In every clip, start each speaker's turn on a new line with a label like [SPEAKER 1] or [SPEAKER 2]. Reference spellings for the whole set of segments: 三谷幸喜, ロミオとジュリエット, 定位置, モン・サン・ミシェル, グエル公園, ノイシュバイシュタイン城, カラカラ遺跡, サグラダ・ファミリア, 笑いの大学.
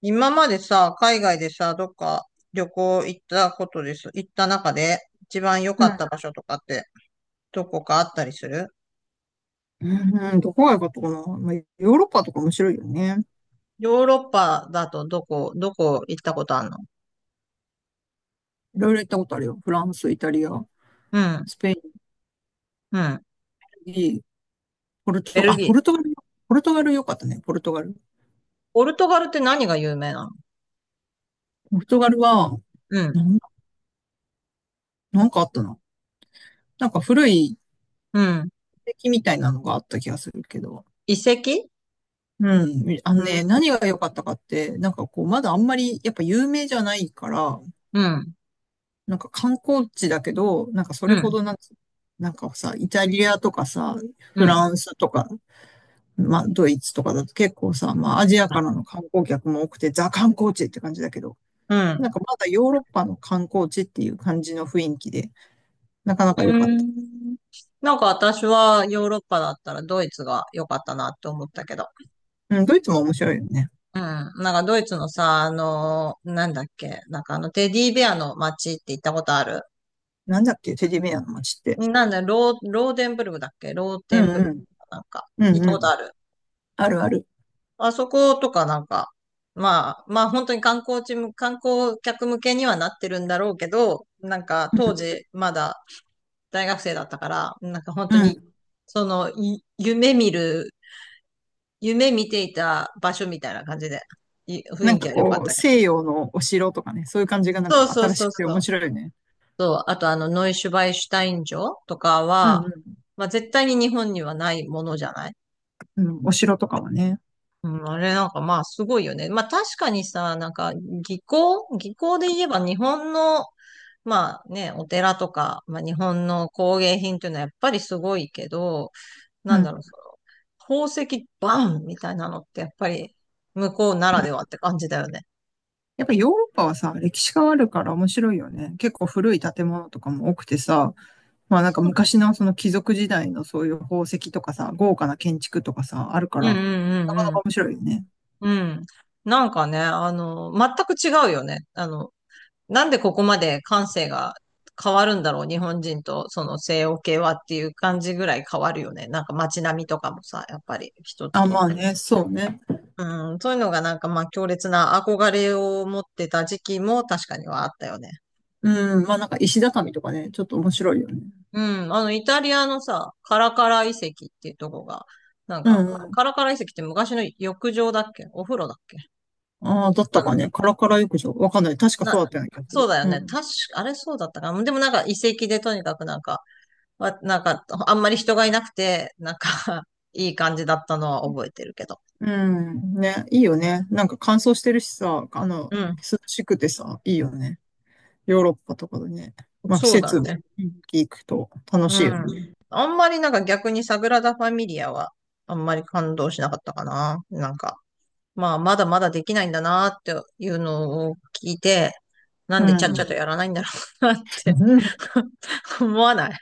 [SPEAKER 1] 今までさ、海外でさ、どっか旅行行ったことです。行った中で一番良
[SPEAKER 2] う
[SPEAKER 1] かった
[SPEAKER 2] ん。
[SPEAKER 1] 場所とかってどこかあったりする？
[SPEAKER 2] うん、うん、どこが良かったかな。まあ、ヨーロッパとか面白いよね。
[SPEAKER 1] ヨーロッパだとどこ、行ったことあるの？
[SPEAKER 2] いろいろ行ったことあるよ。フランス、イタリア、
[SPEAKER 1] うん、
[SPEAKER 2] スペイン、
[SPEAKER 1] うん。
[SPEAKER 2] ベルギー、ポル
[SPEAKER 1] ベ
[SPEAKER 2] トガ
[SPEAKER 1] ル
[SPEAKER 2] ル、あ、
[SPEAKER 1] ギ
[SPEAKER 2] ポル
[SPEAKER 1] ー。
[SPEAKER 2] トガル、ポルトガル良かったね、ポルトガル。
[SPEAKER 1] ポルトガルって何が有名なの？
[SPEAKER 2] ポルトガルは、
[SPEAKER 1] うん、
[SPEAKER 2] なんだ、なんかあったな。なんか古い遺
[SPEAKER 1] うん。
[SPEAKER 2] 跡みたいなのがあった気がするけど。
[SPEAKER 1] 遺跡？
[SPEAKER 2] うん。あの
[SPEAKER 1] うん、
[SPEAKER 2] ね、何が良かったかって、なんかこう、まだあんまり、やっぱ有名じゃないから、
[SPEAKER 1] うん、
[SPEAKER 2] なんか観光地だけど、なんかそ
[SPEAKER 1] う
[SPEAKER 2] れ
[SPEAKER 1] ん、
[SPEAKER 2] ほどなんつ、なんかさ、イタリアとかさ、
[SPEAKER 1] う
[SPEAKER 2] フ
[SPEAKER 1] ん、
[SPEAKER 2] ランスとか、まあ、ドイツとかだと結構さ、まあ、アジアからの観光客も多くて、ザ観光地って感じだけど、
[SPEAKER 1] うん。
[SPEAKER 2] なんかまだヨーロッパの観光地っていう感じの雰囲気で、なかなか
[SPEAKER 1] う
[SPEAKER 2] 良かった。
[SPEAKER 1] んなんか私はヨーロッパだったらドイツが良かったなって思ったけど。
[SPEAKER 2] うん、ドイツも面白いよね。
[SPEAKER 1] うん。なんかドイツのさ、なんだっけ、なんかあのテディベアの街って行ったことある？
[SPEAKER 2] なんだっけ、テディベアの街って。
[SPEAKER 1] なんだ、ローデンブルグだっけロー
[SPEAKER 2] う
[SPEAKER 1] テン
[SPEAKER 2] ん
[SPEAKER 1] ブルグ？
[SPEAKER 2] うん、
[SPEAKER 1] なんか、
[SPEAKER 2] う
[SPEAKER 1] 行
[SPEAKER 2] ん
[SPEAKER 1] った
[SPEAKER 2] う
[SPEAKER 1] こと
[SPEAKER 2] ん、
[SPEAKER 1] ある？
[SPEAKER 2] あるある。
[SPEAKER 1] あそことかなんか、まあ本当に観光客向けにはなってるんだろうけど、なんか当
[SPEAKER 2] う
[SPEAKER 1] 時まだ大学生だったから、なんか本当
[SPEAKER 2] ん、う
[SPEAKER 1] に、
[SPEAKER 2] ん。
[SPEAKER 1] その、い夢見る、夢見ていた場所みたいな感じで、い雰
[SPEAKER 2] なん
[SPEAKER 1] 囲気
[SPEAKER 2] か
[SPEAKER 1] は良かっ
[SPEAKER 2] こう、
[SPEAKER 1] たけど。
[SPEAKER 2] 西洋のお城とかね、そういう感じがなん
[SPEAKER 1] そう
[SPEAKER 2] か
[SPEAKER 1] そう
[SPEAKER 2] 新
[SPEAKER 1] そ
[SPEAKER 2] し
[SPEAKER 1] う
[SPEAKER 2] くて
[SPEAKER 1] そ
[SPEAKER 2] 面
[SPEAKER 1] う。
[SPEAKER 2] 白いよね。
[SPEAKER 1] そう、あとノイシュバイシュタイン城とか
[SPEAKER 2] うん
[SPEAKER 1] は、
[SPEAKER 2] うん、
[SPEAKER 1] まあ絶対に日本にはないものじゃない？
[SPEAKER 2] うん、お城とかはね。
[SPEAKER 1] うん、あれなんかまあすごいよね。まあ確かにさ、なんか技巧で言えば日本の、まあね、お寺とか、まあ日本の工芸品っていうのはやっぱりすごいけど、
[SPEAKER 2] うん、
[SPEAKER 1] な
[SPEAKER 2] う
[SPEAKER 1] んだろう、
[SPEAKER 2] ん。
[SPEAKER 1] その宝石バンみたいなのってやっぱり向こうならではって感じだよね。
[SPEAKER 2] やっぱヨーロッパはさ、歴史があるから面白いよね。結構古い建物とかも多くてさ、まあなんか昔のその貴族時代のそういう宝石とかさ、豪華な建築とかさ、あるから、
[SPEAKER 1] うんう
[SPEAKER 2] なかな
[SPEAKER 1] ん
[SPEAKER 2] か面白いよね。
[SPEAKER 1] うんうん。うん。なんかね、全く違うよね。なんでここまで感性が変わるんだろう、日本人とその西欧系はっていう感じぐらい変わるよね。なんか街並みとかもさ、やっぱり一つ
[SPEAKER 2] あ、
[SPEAKER 1] とっ
[SPEAKER 2] まあね、
[SPEAKER 1] て。
[SPEAKER 2] そうね。
[SPEAKER 1] うん、そういうのがなんかまあ強烈な憧れを持ってた時期も確かにはあったよね。
[SPEAKER 2] うん、まあなんか石畳とかね、ちょっと面白いよね。
[SPEAKER 1] うん、あのイタリアのさ、カラカラ遺跡っていうとこが、なん
[SPEAKER 2] う
[SPEAKER 1] か、
[SPEAKER 2] んうん。
[SPEAKER 1] カラカラ遺跡って昔の浴場だっけお風呂だっけ
[SPEAKER 2] ああ、だっ
[SPEAKER 1] か
[SPEAKER 2] たか
[SPEAKER 1] な。
[SPEAKER 2] ね。カラカラ浴場。わかんない。確かそう
[SPEAKER 1] な、
[SPEAKER 2] だったような気がす
[SPEAKER 1] そう
[SPEAKER 2] る。
[SPEAKER 1] だよ
[SPEAKER 2] う
[SPEAKER 1] ね。
[SPEAKER 2] ん。
[SPEAKER 1] 確か、あれそうだったかな。でもなんか遺跡でとにかくなんか、なんか、あんまり人がいなくて、なんか いい感じだったのは覚えてるけど。
[SPEAKER 2] うん。ね、いいよね。なんか乾燥してるしさ、あの、
[SPEAKER 1] うん、
[SPEAKER 2] 涼しくてさ、いいよね。ヨーロッパとかでね。まあ季
[SPEAKER 1] そうだ
[SPEAKER 2] 節、
[SPEAKER 1] ね。
[SPEAKER 2] 行くと楽
[SPEAKER 1] う
[SPEAKER 2] しいよね。
[SPEAKER 1] ん。あんまりなんか逆にサグラダ・ファミリアは、あんまり感動しなかったかな。なんか、まあ、まだまだできないんだなっていうのを聞いて、なん
[SPEAKER 2] う
[SPEAKER 1] でちゃっちゃ
[SPEAKER 2] ん。
[SPEAKER 1] とやらないんだろうなって 思わない？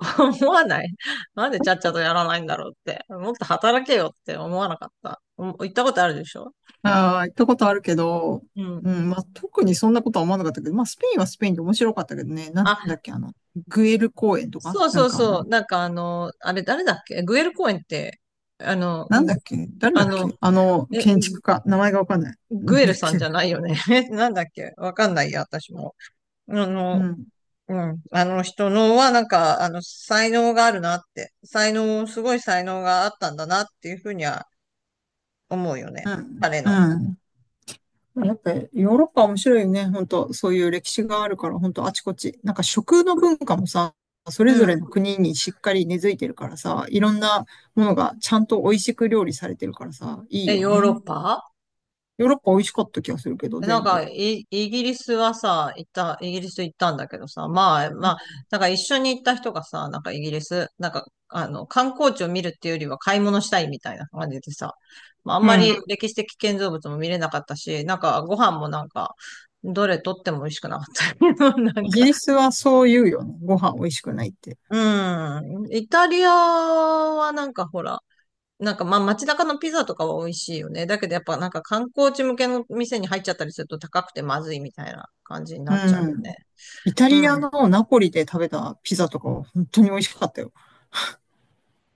[SPEAKER 1] 思わない？なんでちゃっちゃとやらないんだろうって。もっと働けよって思わなかった。行ったことあるでしょ？
[SPEAKER 2] ああ、行ったことあるけど、
[SPEAKER 1] う
[SPEAKER 2] う
[SPEAKER 1] ん。
[SPEAKER 2] ん、まあ、特にそんなことは思わなかったけど、まあ、スペインはスペインで面白かったけどね、なんだ
[SPEAKER 1] あ、
[SPEAKER 2] っけ、あの、グエル公園とか、
[SPEAKER 1] そう
[SPEAKER 2] な
[SPEAKER 1] そ
[SPEAKER 2] ん
[SPEAKER 1] う
[SPEAKER 2] かあ
[SPEAKER 1] そう。
[SPEAKER 2] の、
[SPEAKER 1] なんかあれ誰だっけグエル公園って、
[SPEAKER 2] なんだ
[SPEAKER 1] ぐ
[SPEAKER 2] っけ、誰
[SPEAKER 1] あ
[SPEAKER 2] だっ
[SPEAKER 1] の、
[SPEAKER 2] け、あの、
[SPEAKER 1] え、
[SPEAKER 2] 建
[SPEAKER 1] グ
[SPEAKER 2] 築家、名前がわかんない。
[SPEAKER 1] グ
[SPEAKER 2] なん
[SPEAKER 1] エ
[SPEAKER 2] だ
[SPEAKER 1] ル
[SPEAKER 2] っ
[SPEAKER 1] さんじ
[SPEAKER 2] け、
[SPEAKER 1] ゃないよね。なんだっけわかんないや、私も。あ
[SPEAKER 2] う
[SPEAKER 1] の、
[SPEAKER 2] ん、
[SPEAKER 1] うん。あの人のは、なんか、才能があるなって。才能、すごい才能があったんだなっていうふうには思うよね。
[SPEAKER 2] うん、
[SPEAKER 1] 彼の。
[SPEAKER 2] うん。やっぱりヨーロッパ面白いよね、本当そういう歴史があるから、本当あちこち。なんか食の文化もさ、それぞ
[SPEAKER 1] う
[SPEAKER 2] れの
[SPEAKER 1] ん。
[SPEAKER 2] 国にしっかり根付いてるからさ、いろんなものがちゃんと美味しく料理されてるからさ、いいよ
[SPEAKER 1] ヨーロッ
[SPEAKER 2] ね。
[SPEAKER 1] パ？
[SPEAKER 2] ヨーロッパ美味しかった気がするけど、
[SPEAKER 1] なん
[SPEAKER 2] 全
[SPEAKER 1] か、
[SPEAKER 2] 部。
[SPEAKER 1] イギリスはさ、行った、イギリス行ったんだけどさ、まあ、なんか一緒に行った人がさ、なんかイギリス、なんか、観光地を見るっていうよりは買い物したいみたいな感じでさ、まあ、あん
[SPEAKER 2] う
[SPEAKER 1] まり
[SPEAKER 2] ん。
[SPEAKER 1] 歴史的建造物も見れなかったし、なんかご飯もなんか、どれとっても美味しくなかったけど、なん
[SPEAKER 2] イギ
[SPEAKER 1] か、
[SPEAKER 2] リスはそう言うよね。ご飯美味しくないって。
[SPEAKER 1] うん、イタリアはなんかほら、なんかまあ街中のピザとかは美味しいよね。だけどやっぱなんか観光地向けの店に入っちゃったりすると高くてまずいみたいな感じにな
[SPEAKER 2] う
[SPEAKER 1] っちゃうよ
[SPEAKER 2] ん。
[SPEAKER 1] ね。
[SPEAKER 2] イタリ
[SPEAKER 1] う
[SPEAKER 2] ア
[SPEAKER 1] ん。
[SPEAKER 2] のナポリで食べたピザとかは本当に美味しかったよ。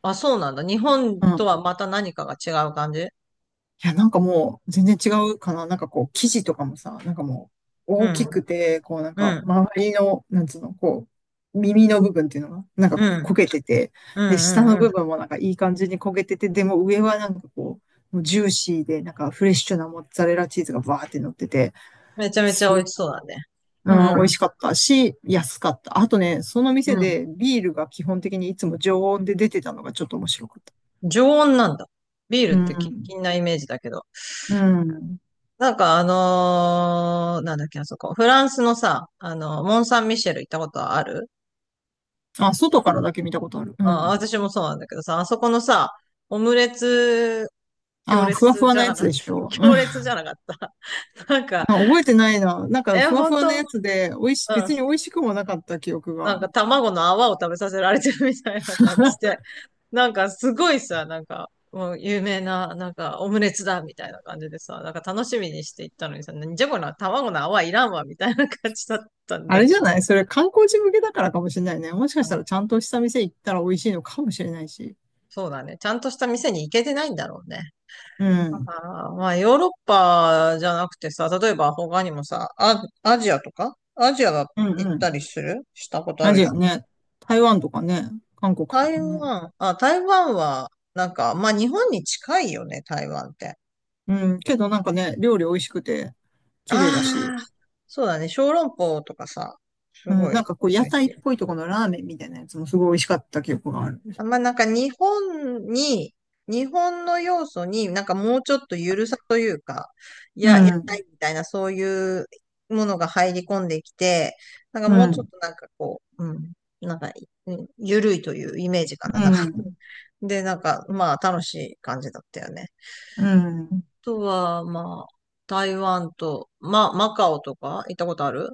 [SPEAKER 1] あ、そうなんだ。日本
[SPEAKER 2] う
[SPEAKER 1] と
[SPEAKER 2] ん。
[SPEAKER 1] はまた何かが違う感じ？
[SPEAKER 2] いや、なんかもう全然違うかな。なんかこう、生地とかもさ、なんかも
[SPEAKER 1] う
[SPEAKER 2] う大き
[SPEAKER 1] ん。
[SPEAKER 2] くて、こうなん
[SPEAKER 1] う
[SPEAKER 2] か
[SPEAKER 1] ん。
[SPEAKER 2] 周りの、なんつうの、こう、耳の部分っていうのが、なんか
[SPEAKER 1] う
[SPEAKER 2] こう
[SPEAKER 1] ん。
[SPEAKER 2] 焦げてて、
[SPEAKER 1] う
[SPEAKER 2] で、下の
[SPEAKER 1] ん。うん。
[SPEAKER 2] 部分もなんかいい感じに焦げてて、でも上はなんかこう、もうジューシーで、なんかフレッシュなモッツァレラチーズがバーって乗ってて、
[SPEAKER 1] めちゃめち
[SPEAKER 2] す
[SPEAKER 1] ゃ美味しそうだね。
[SPEAKER 2] う
[SPEAKER 1] う
[SPEAKER 2] ん、美味
[SPEAKER 1] ん。
[SPEAKER 2] しかったし、安かった。あとね、その
[SPEAKER 1] う
[SPEAKER 2] 店
[SPEAKER 1] ん。
[SPEAKER 2] でビールが基本的にいつも常温で出てたのがちょっと面白かった。
[SPEAKER 1] 常温なんだ。ビー
[SPEAKER 2] う
[SPEAKER 1] ルってキン
[SPEAKER 2] ん。
[SPEAKER 1] キンなイメージだけど。
[SPEAKER 2] うん。
[SPEAKER 1] なんかなんだっけ、あそこ。フランスのさ、モン・サン・ミシェル行ったことある？
[SPEAKER 2] あ、外からだけ見たことある。う
[SPEAKER 1] あ、
[SPEAKER 2] ん。
[SPEAKER 1] 私もそうなんだけどさ、あそこのさ、オムレツ、強
[SPEAKER 2] あ、ふわふ
[SPEAKER 1] 烈
[SPEAKER 2] わ
[SPEAKER 1] じ
[SPEAKER 2] な
[SPEAKER 1] ゃ
[SPEAKER 2] や
[SPEAKER 1] なか
[SPEAKER 2] つ
[SPEAKER 1] っ
[SPEAKER 2] で
[SPEAKER 1] た？
[SPEAKER 2] し ょ。うん。
[SPEAKER 1] 強烈じゃなかった？なんか、
[SPEAKER 2] あ、覚えてないな。なんか、ふわふ
[SPEAKER 1] 本
[SPEAKER 2] わ
[SPEAKER 1] 当？
[SPEAKER 2] なやつ
[SPEAKER 1] う
[SPEAKER 2] で、美味し、別に美
[SPEAKER 1] ん。
[SPEAKER 2] 味しくもなかった記憶
[SPEAKER 1] なん
[SPEAKER 2] が。
[SPEAKER 1] か卵の泡を食べさせられてるみたいな感じで。なんかすごいさ、なんか、もう有名な、なんかオムレツだみたいな感じでさ、なんか楽しみにして行ったのにさ、なんじゃこの卵の泡いらんわみたいな感じだったん
[SPEAKER 2] あ
[SPEAKER 1] だ
[SPEAKER 2] れ
[SPEAKER 1] け
[SPEAKER 2] じゃ
[SPEAKER 1] ど。
[SPEAKER 2] ないそれ観光地向けだからかもしれないね。もしかし
[SPEAKER 1] う
[SPEAKER 2] た
[SPEAKER 1] ん
[SPEAKER 2] らちゃんとした店行ったら美味しいのかもしれないし。
[SPEAKER 1] そうだね。ちゃんとした店に行けてないんだろうね。
[SPEAKER 2] う
[SPEAKER 1] あ
[SPEAKER 2] ん。
[SPEAKER 1] ーまあ、ヨーロッパじゃなくてさ、例えば他にもさ、アジアが
[SPEAKER 2] うん
[SPEAKER 1] 行っ
[SPEAKER 2] う
[SPEAKER 1] た
[SPEAKER 2] ん。
[SPEAKER 1] りするしたことあ
[SPEAKER 2] ア
[SPEAKER 1] るで
[SPEAKER 2] ジ
[SPEAKER 1] し
[SPEAKER 2] ア
[SPEAKER 1] ょ？
[SPEAKER 2] ね。台湾とかね。韓国とかね。
[SPEAKER 1] 台湾は、なんか、まあ日本に近いよね、台湾って。
[SPEAKER 2] うん、けどなんかね、料理美味しくて、綺麗だし、
[SPEAKER 1] ああ、そうだね、小籠包とかさ、す
[SPEAKER 2] う
[SPEAKER 1] ご
[SPEAKER 2] ん、
[SPEAKER 1] い
[SPEAKER 2] なんかこう屋
[SPEAKER 1] 美味
[SPEAKER 2] 台っ
[SPEAKER 1] しい。
[SPEAKER 2] ぽいとこのラーメンみたいなやつもすごい美味しかった記憶がある。
[SPEAKER 1] まあなんか日本の要素になんかもうちょっとゆるさというか、い
[SPEAKER 2] う
[SPEAKER 1] や、やりた
[SPEAKER 2] ん、
[SPEAKER 1] いみたいなそういうものが入り込んできて、なんか
[SPEAKER 2] う
[SPEAKER 1] もうちょ
[SPEAKER 2] ん、
[SPEAKER 1] っとなんかこう、うん、なんか、うん、ゆるいというイメージか
[SPEAKER 2] う
[SPEAKER 1] な。なんか
[SPEAKER 2] ん、
[SPEAKER 1] で、なんかまあ楽しい感じだったよね。
[SPEAKER 2] うん。
[SPEAKER 1] あとはまあ、台湾と、まあマカオとか行ったことある？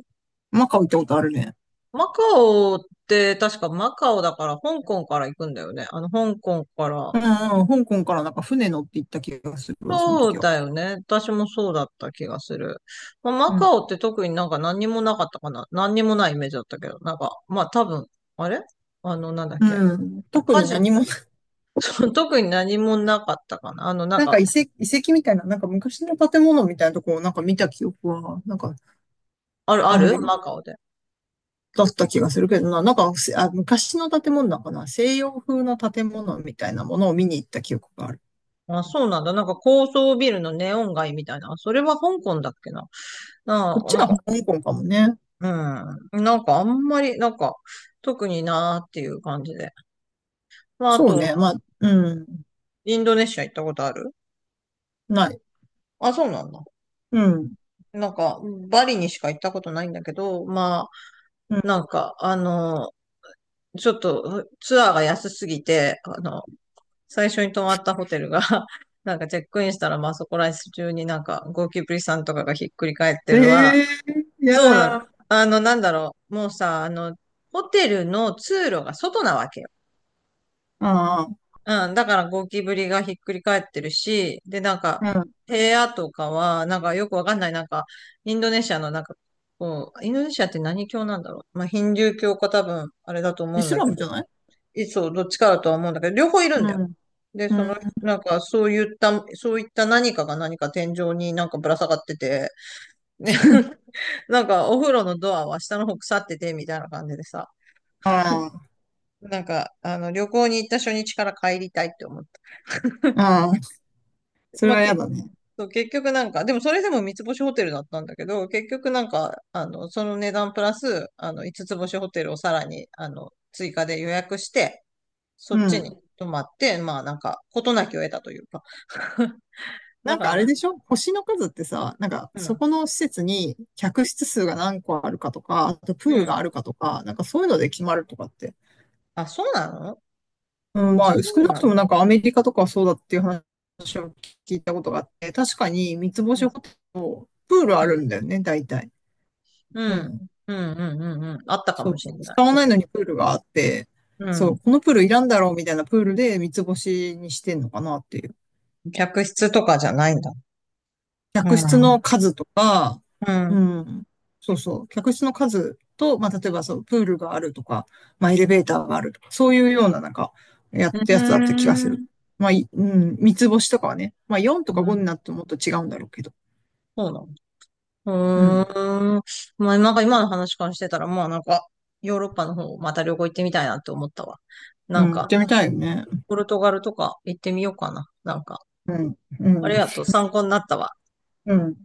[SPEAKER 2] マカオ行ったことあるね。
[SPEAKER 1] マカオって確かマカオだから香港から行くんだよね。あの香港から、
[SPEAKER 2] うん、うん、香港からなんか船乗って行った気がするわ、その
[SPEAKER 1] そ
[SPEAKER 2] 時
[SPEAKER 1] う
[SPEAKER 2] は。
[SPEAKER 1] だよね。私もそうだった気がする。まあ、
[SPEAKER 2] う
[SPEAKER 1] マ
[SPEAKER 2] ん、
[SPEAKER 1] カオって特になんか何にもなかったかな。何にもないイメージだったけど、なんか、まあ多分、あれあの、なんだっけ。
[SPEAKER 2] うん。特
[SPEAKER 1] カ
[SPEAKER 2] に
[SPEAKER 1] ジ
[SPEAKER 2] 何も、
[SPEAKER 1] ノ、特に何もなかったかな。なん
[SPEAKER 2] なんか
[SPEAKER 1] か、
[SPEAKER 2] 遺跡、遺跡みたいな、なんか昔の建物みたいなとこをなんか見た記憶は、なんか
[SPEAKER 1] ある、あ
[SPEAKER 2] ある、
[SPEAKER 1] るマカオで。
[SPEAKER 2] だった気がするけどな、なんか、あ、昔の建物だかな、西洋風の建物みたいなものを見に行った記憶がある。
[SPEAKER 1] あ、そうなんだ。なんか高層ビルのネオン街みたいな。それは香港だっけな。
[SPEAKER 2] こ
[SPEAKER 1] な
[SPEAKER 2] っ
[SPEAKER 1] あ、
[SPEAKER 2] ち
[SPEAKER 1] なん
[SPEAKER 2] は
[SPEAKER 1] か、
[SPEAKER 2] 香港かもね。
[SPEAKER 1] うん。なんかあんまり、なんか、特になーっていう感じで。まあ、あ
[SPEAKER 2] そ
[SPEAKER 1] と
[SPEAKER 2] うね、
[SPEAKER 1] は、
[SPEAKER 2] まあ、うん、
[SPEAKER 1] インドネシア行ったことある？
[SPEAKER 2] ない。
[SPEAKER 1] あ、そうなんだ。
[SPEAKER 2] うん、
[SPEAKER 1] なんか、バリにしか行ったことないんだけど、まあ、
[SPEAKER 2] う
[SPEAKER 1] な
[SPEAKER 2] ん。
[SPEAKER 1] んか、ちょっとツアーが安すぎて、最初に泊まったホテルが なんかチェックインしたら、まあそこら中になんかゴキブリさんとかがひっくり返ってるわ。
[SPEAKER 2] ええー、や
[SPEAKER 1] そうな
[SPEAKER 2] だ。
[SPEAKER 1] の。
[SPEAKER 2] あ
[SPEAKER 1] なんだろう。もうさ、ホテルの通路が外なわけ。
[SPEAKER 2] あ、
[SPEAKER 1] うん、だからゴキブリがひっくり返ってるし、で、なんか、
[SPEAKER 2] う
[SPEAKER 1] 部屋とかは、なんかよくわかんない、なんか、インドネシアのなんか、こう、インドネシアって何教なんだろう。まあ、ヒンドゥー教か多分、あれだと
[SPEAKER 2] ん。
[SPEAKER 1] 思
[SPEAKER 2] イ
[SPEAKER 1] うん
[SPEAKER 2] ス
[SPEAKER 1] だ
[SPEAKER 2] ラ
[SPEAKER 1] け
[SPEAKER 2] ム
[SPEAKER 1] ど、
[SPEAKER 2] じゃない、
[SPEAKER 1] そう、どっちかだとは思うんだけど、両方いる
[SPEAKER 2] う
[SPEAKER 1] んだよ。
[SPEAKER 2] ん、
[SPEAKER 1] で、
[SPEAKER 2] う
[SPEAKER 1] そ
[SPEAKER 2] ん。
[SPEAKER 1] の、なんか、そういった何かが何か天井になんかぶら下がってて、ね なんか、お風呂のドアは下の方腐ってて、みたいな感じでさ、
[SPEAKER 2] あ
[SPEAKER 1] なんか、旅行に行った初日から帰りたいって思って。
[SPEAKER 2] あ、ああ、それ
[SPEAKER 1] まあ、
[SPEAKER 2] はやだね。
[SPEAKER 1] そう結局なんか、でもそれでも三つ星ホテルだったんだけど、結局なんか、その値段プラス、五つ星ホテルをさらに、追加で予約して、そ
[SPEAKER 2] う
[SPEAKER 1] っち
[SPEAKER 2] ん。
[SPEAKER 1] に泊まって、まあなんか、事なきを得たというか。
[SPEAKER 2] な
[SPEAKER 1] だ
[SPEAKER 2] ん
[SPEAKER 1] か
[SPEAKER 2] か
[SPEAKER 1] ら
[SPEAKER 2] あれ
[SPEAKER 1] なん
[SPEAKER 2] で
[SPEAKER 1] か、
[SPEAKER 2] しょ、星の数ってさ、なんか
[SPEAKER 1] う
[SPEAKER 2] そ
[SPEAKER 1] ん、
[SPEAKER 2] この施設に客室数が何個あるかとか、あとプ
[SPEAKER 1] う
[SPEAKER 2] ール
[SPEAKER 1] ん。
[SPEAKER 2] があるかとか、なんかそういうので決まるとかって。
[SPEAKER 1] あ、そうなの？
[SPEAKER 2] うん、
[SPEAKER 1] あ、
[SPEAKER 2] まあ、
[SPEAKER 1] そ
[SPEAKER 2] 少
[SPEAKER 1] う
[SPEAKER 2] なく
[SPEAKER 1] な
[SPEAKER 2] ともな
[SPEAKER 1] の？
[SPEAKER 2] んかアメリカとかはそうだっていう話を聞いたことがあって、三つ
[SPEAKER 1] う
[SPEAKER 2] 星
[SPEAKER 1] ん、
[SPEAKER 2] ホテルとプールあるんだよね、大体。
[SPEAKER 1] う
[SPEAKER 2] う
[SPEAKER 1] ん、
[SPEAKER 2] ん。
[SPEAKER 1] うん、うん、うん、うん。あったか
[SPEAKER 2] そ
[SPEAKER 1] も
[SPEAKER 2] う。
[SPEAKER 1] しれない、
[SPEAKER 2] 使わ
[SPEAKER 1] そ
[SPEAKER 2] ない
[SPEAKER 1] こ。
[SPEAKER 2] のにプールがあって、
[SPEAKER 1] う
[SPEAKER 2] そ
[SPEAKER 1] ん。
[SPEAKER 2] う、このプールいらんだろうみたいなプールで三つ星にしてんのかなっていう。
[SPEAKER 1] 客室とかじゃないんだ。う
[SPEAKER 2] 客室
[SPEAKER 1] ん、う
[SPEAKER 2] の数とか、
[SPEAKER 1] ん。
[SPEAKER 2] う
[SPEAKER 1] う
[SPEAKER 2] ん、そうそう、客室の数と、まあ、例えばそう、プールがあるとか、まあ、エレベーターがあるとか、そういうような、なんか、や
[SPEAKER 1] ー
[SPEAKER 2] ったやつだった気がする。
[SPEAKER 1] ん。
[SPEAKER 2] まあ、いうん、三つ星とかはね、まあ、4
[SPEAKER 1] う
[SPEAKER 2] とか5
[SPEAKER 1] ん
[SPEAKER 2] になってもっと違うんだろうけど。
[SPEAKER 1] そうな
[SPEAKER 2] う
[SPEAKER 1] の？
[SPEAKER 2] ん、
[SPEAKER 1] うーん。まあ、なんか今の話からしてたら、まあなんか、ヨーロッパの方、また旅行行ってみたいなって思ったわ。
[SPEAKER 2] う
[SPEAKER 1] な
[SPEAKER 2] ん、
[SPEAKER 1] ん
[SPEAKER 2] 行っ
[SPEAKER 1] か、
[SPEAKER 2] てみたいよね。
[SPEAKER 1] ポルトガルとか行ってみようかな。なんか、
[SPEAKER 2] うん、
[SPEAKER 1] あ
[SPEAKER 2] う
[SPEAKER 1] り
[SPEAKER 2] ん、
[SPEAKER 1] がとう。参考になったわ。
[SPEAKER 2] うん。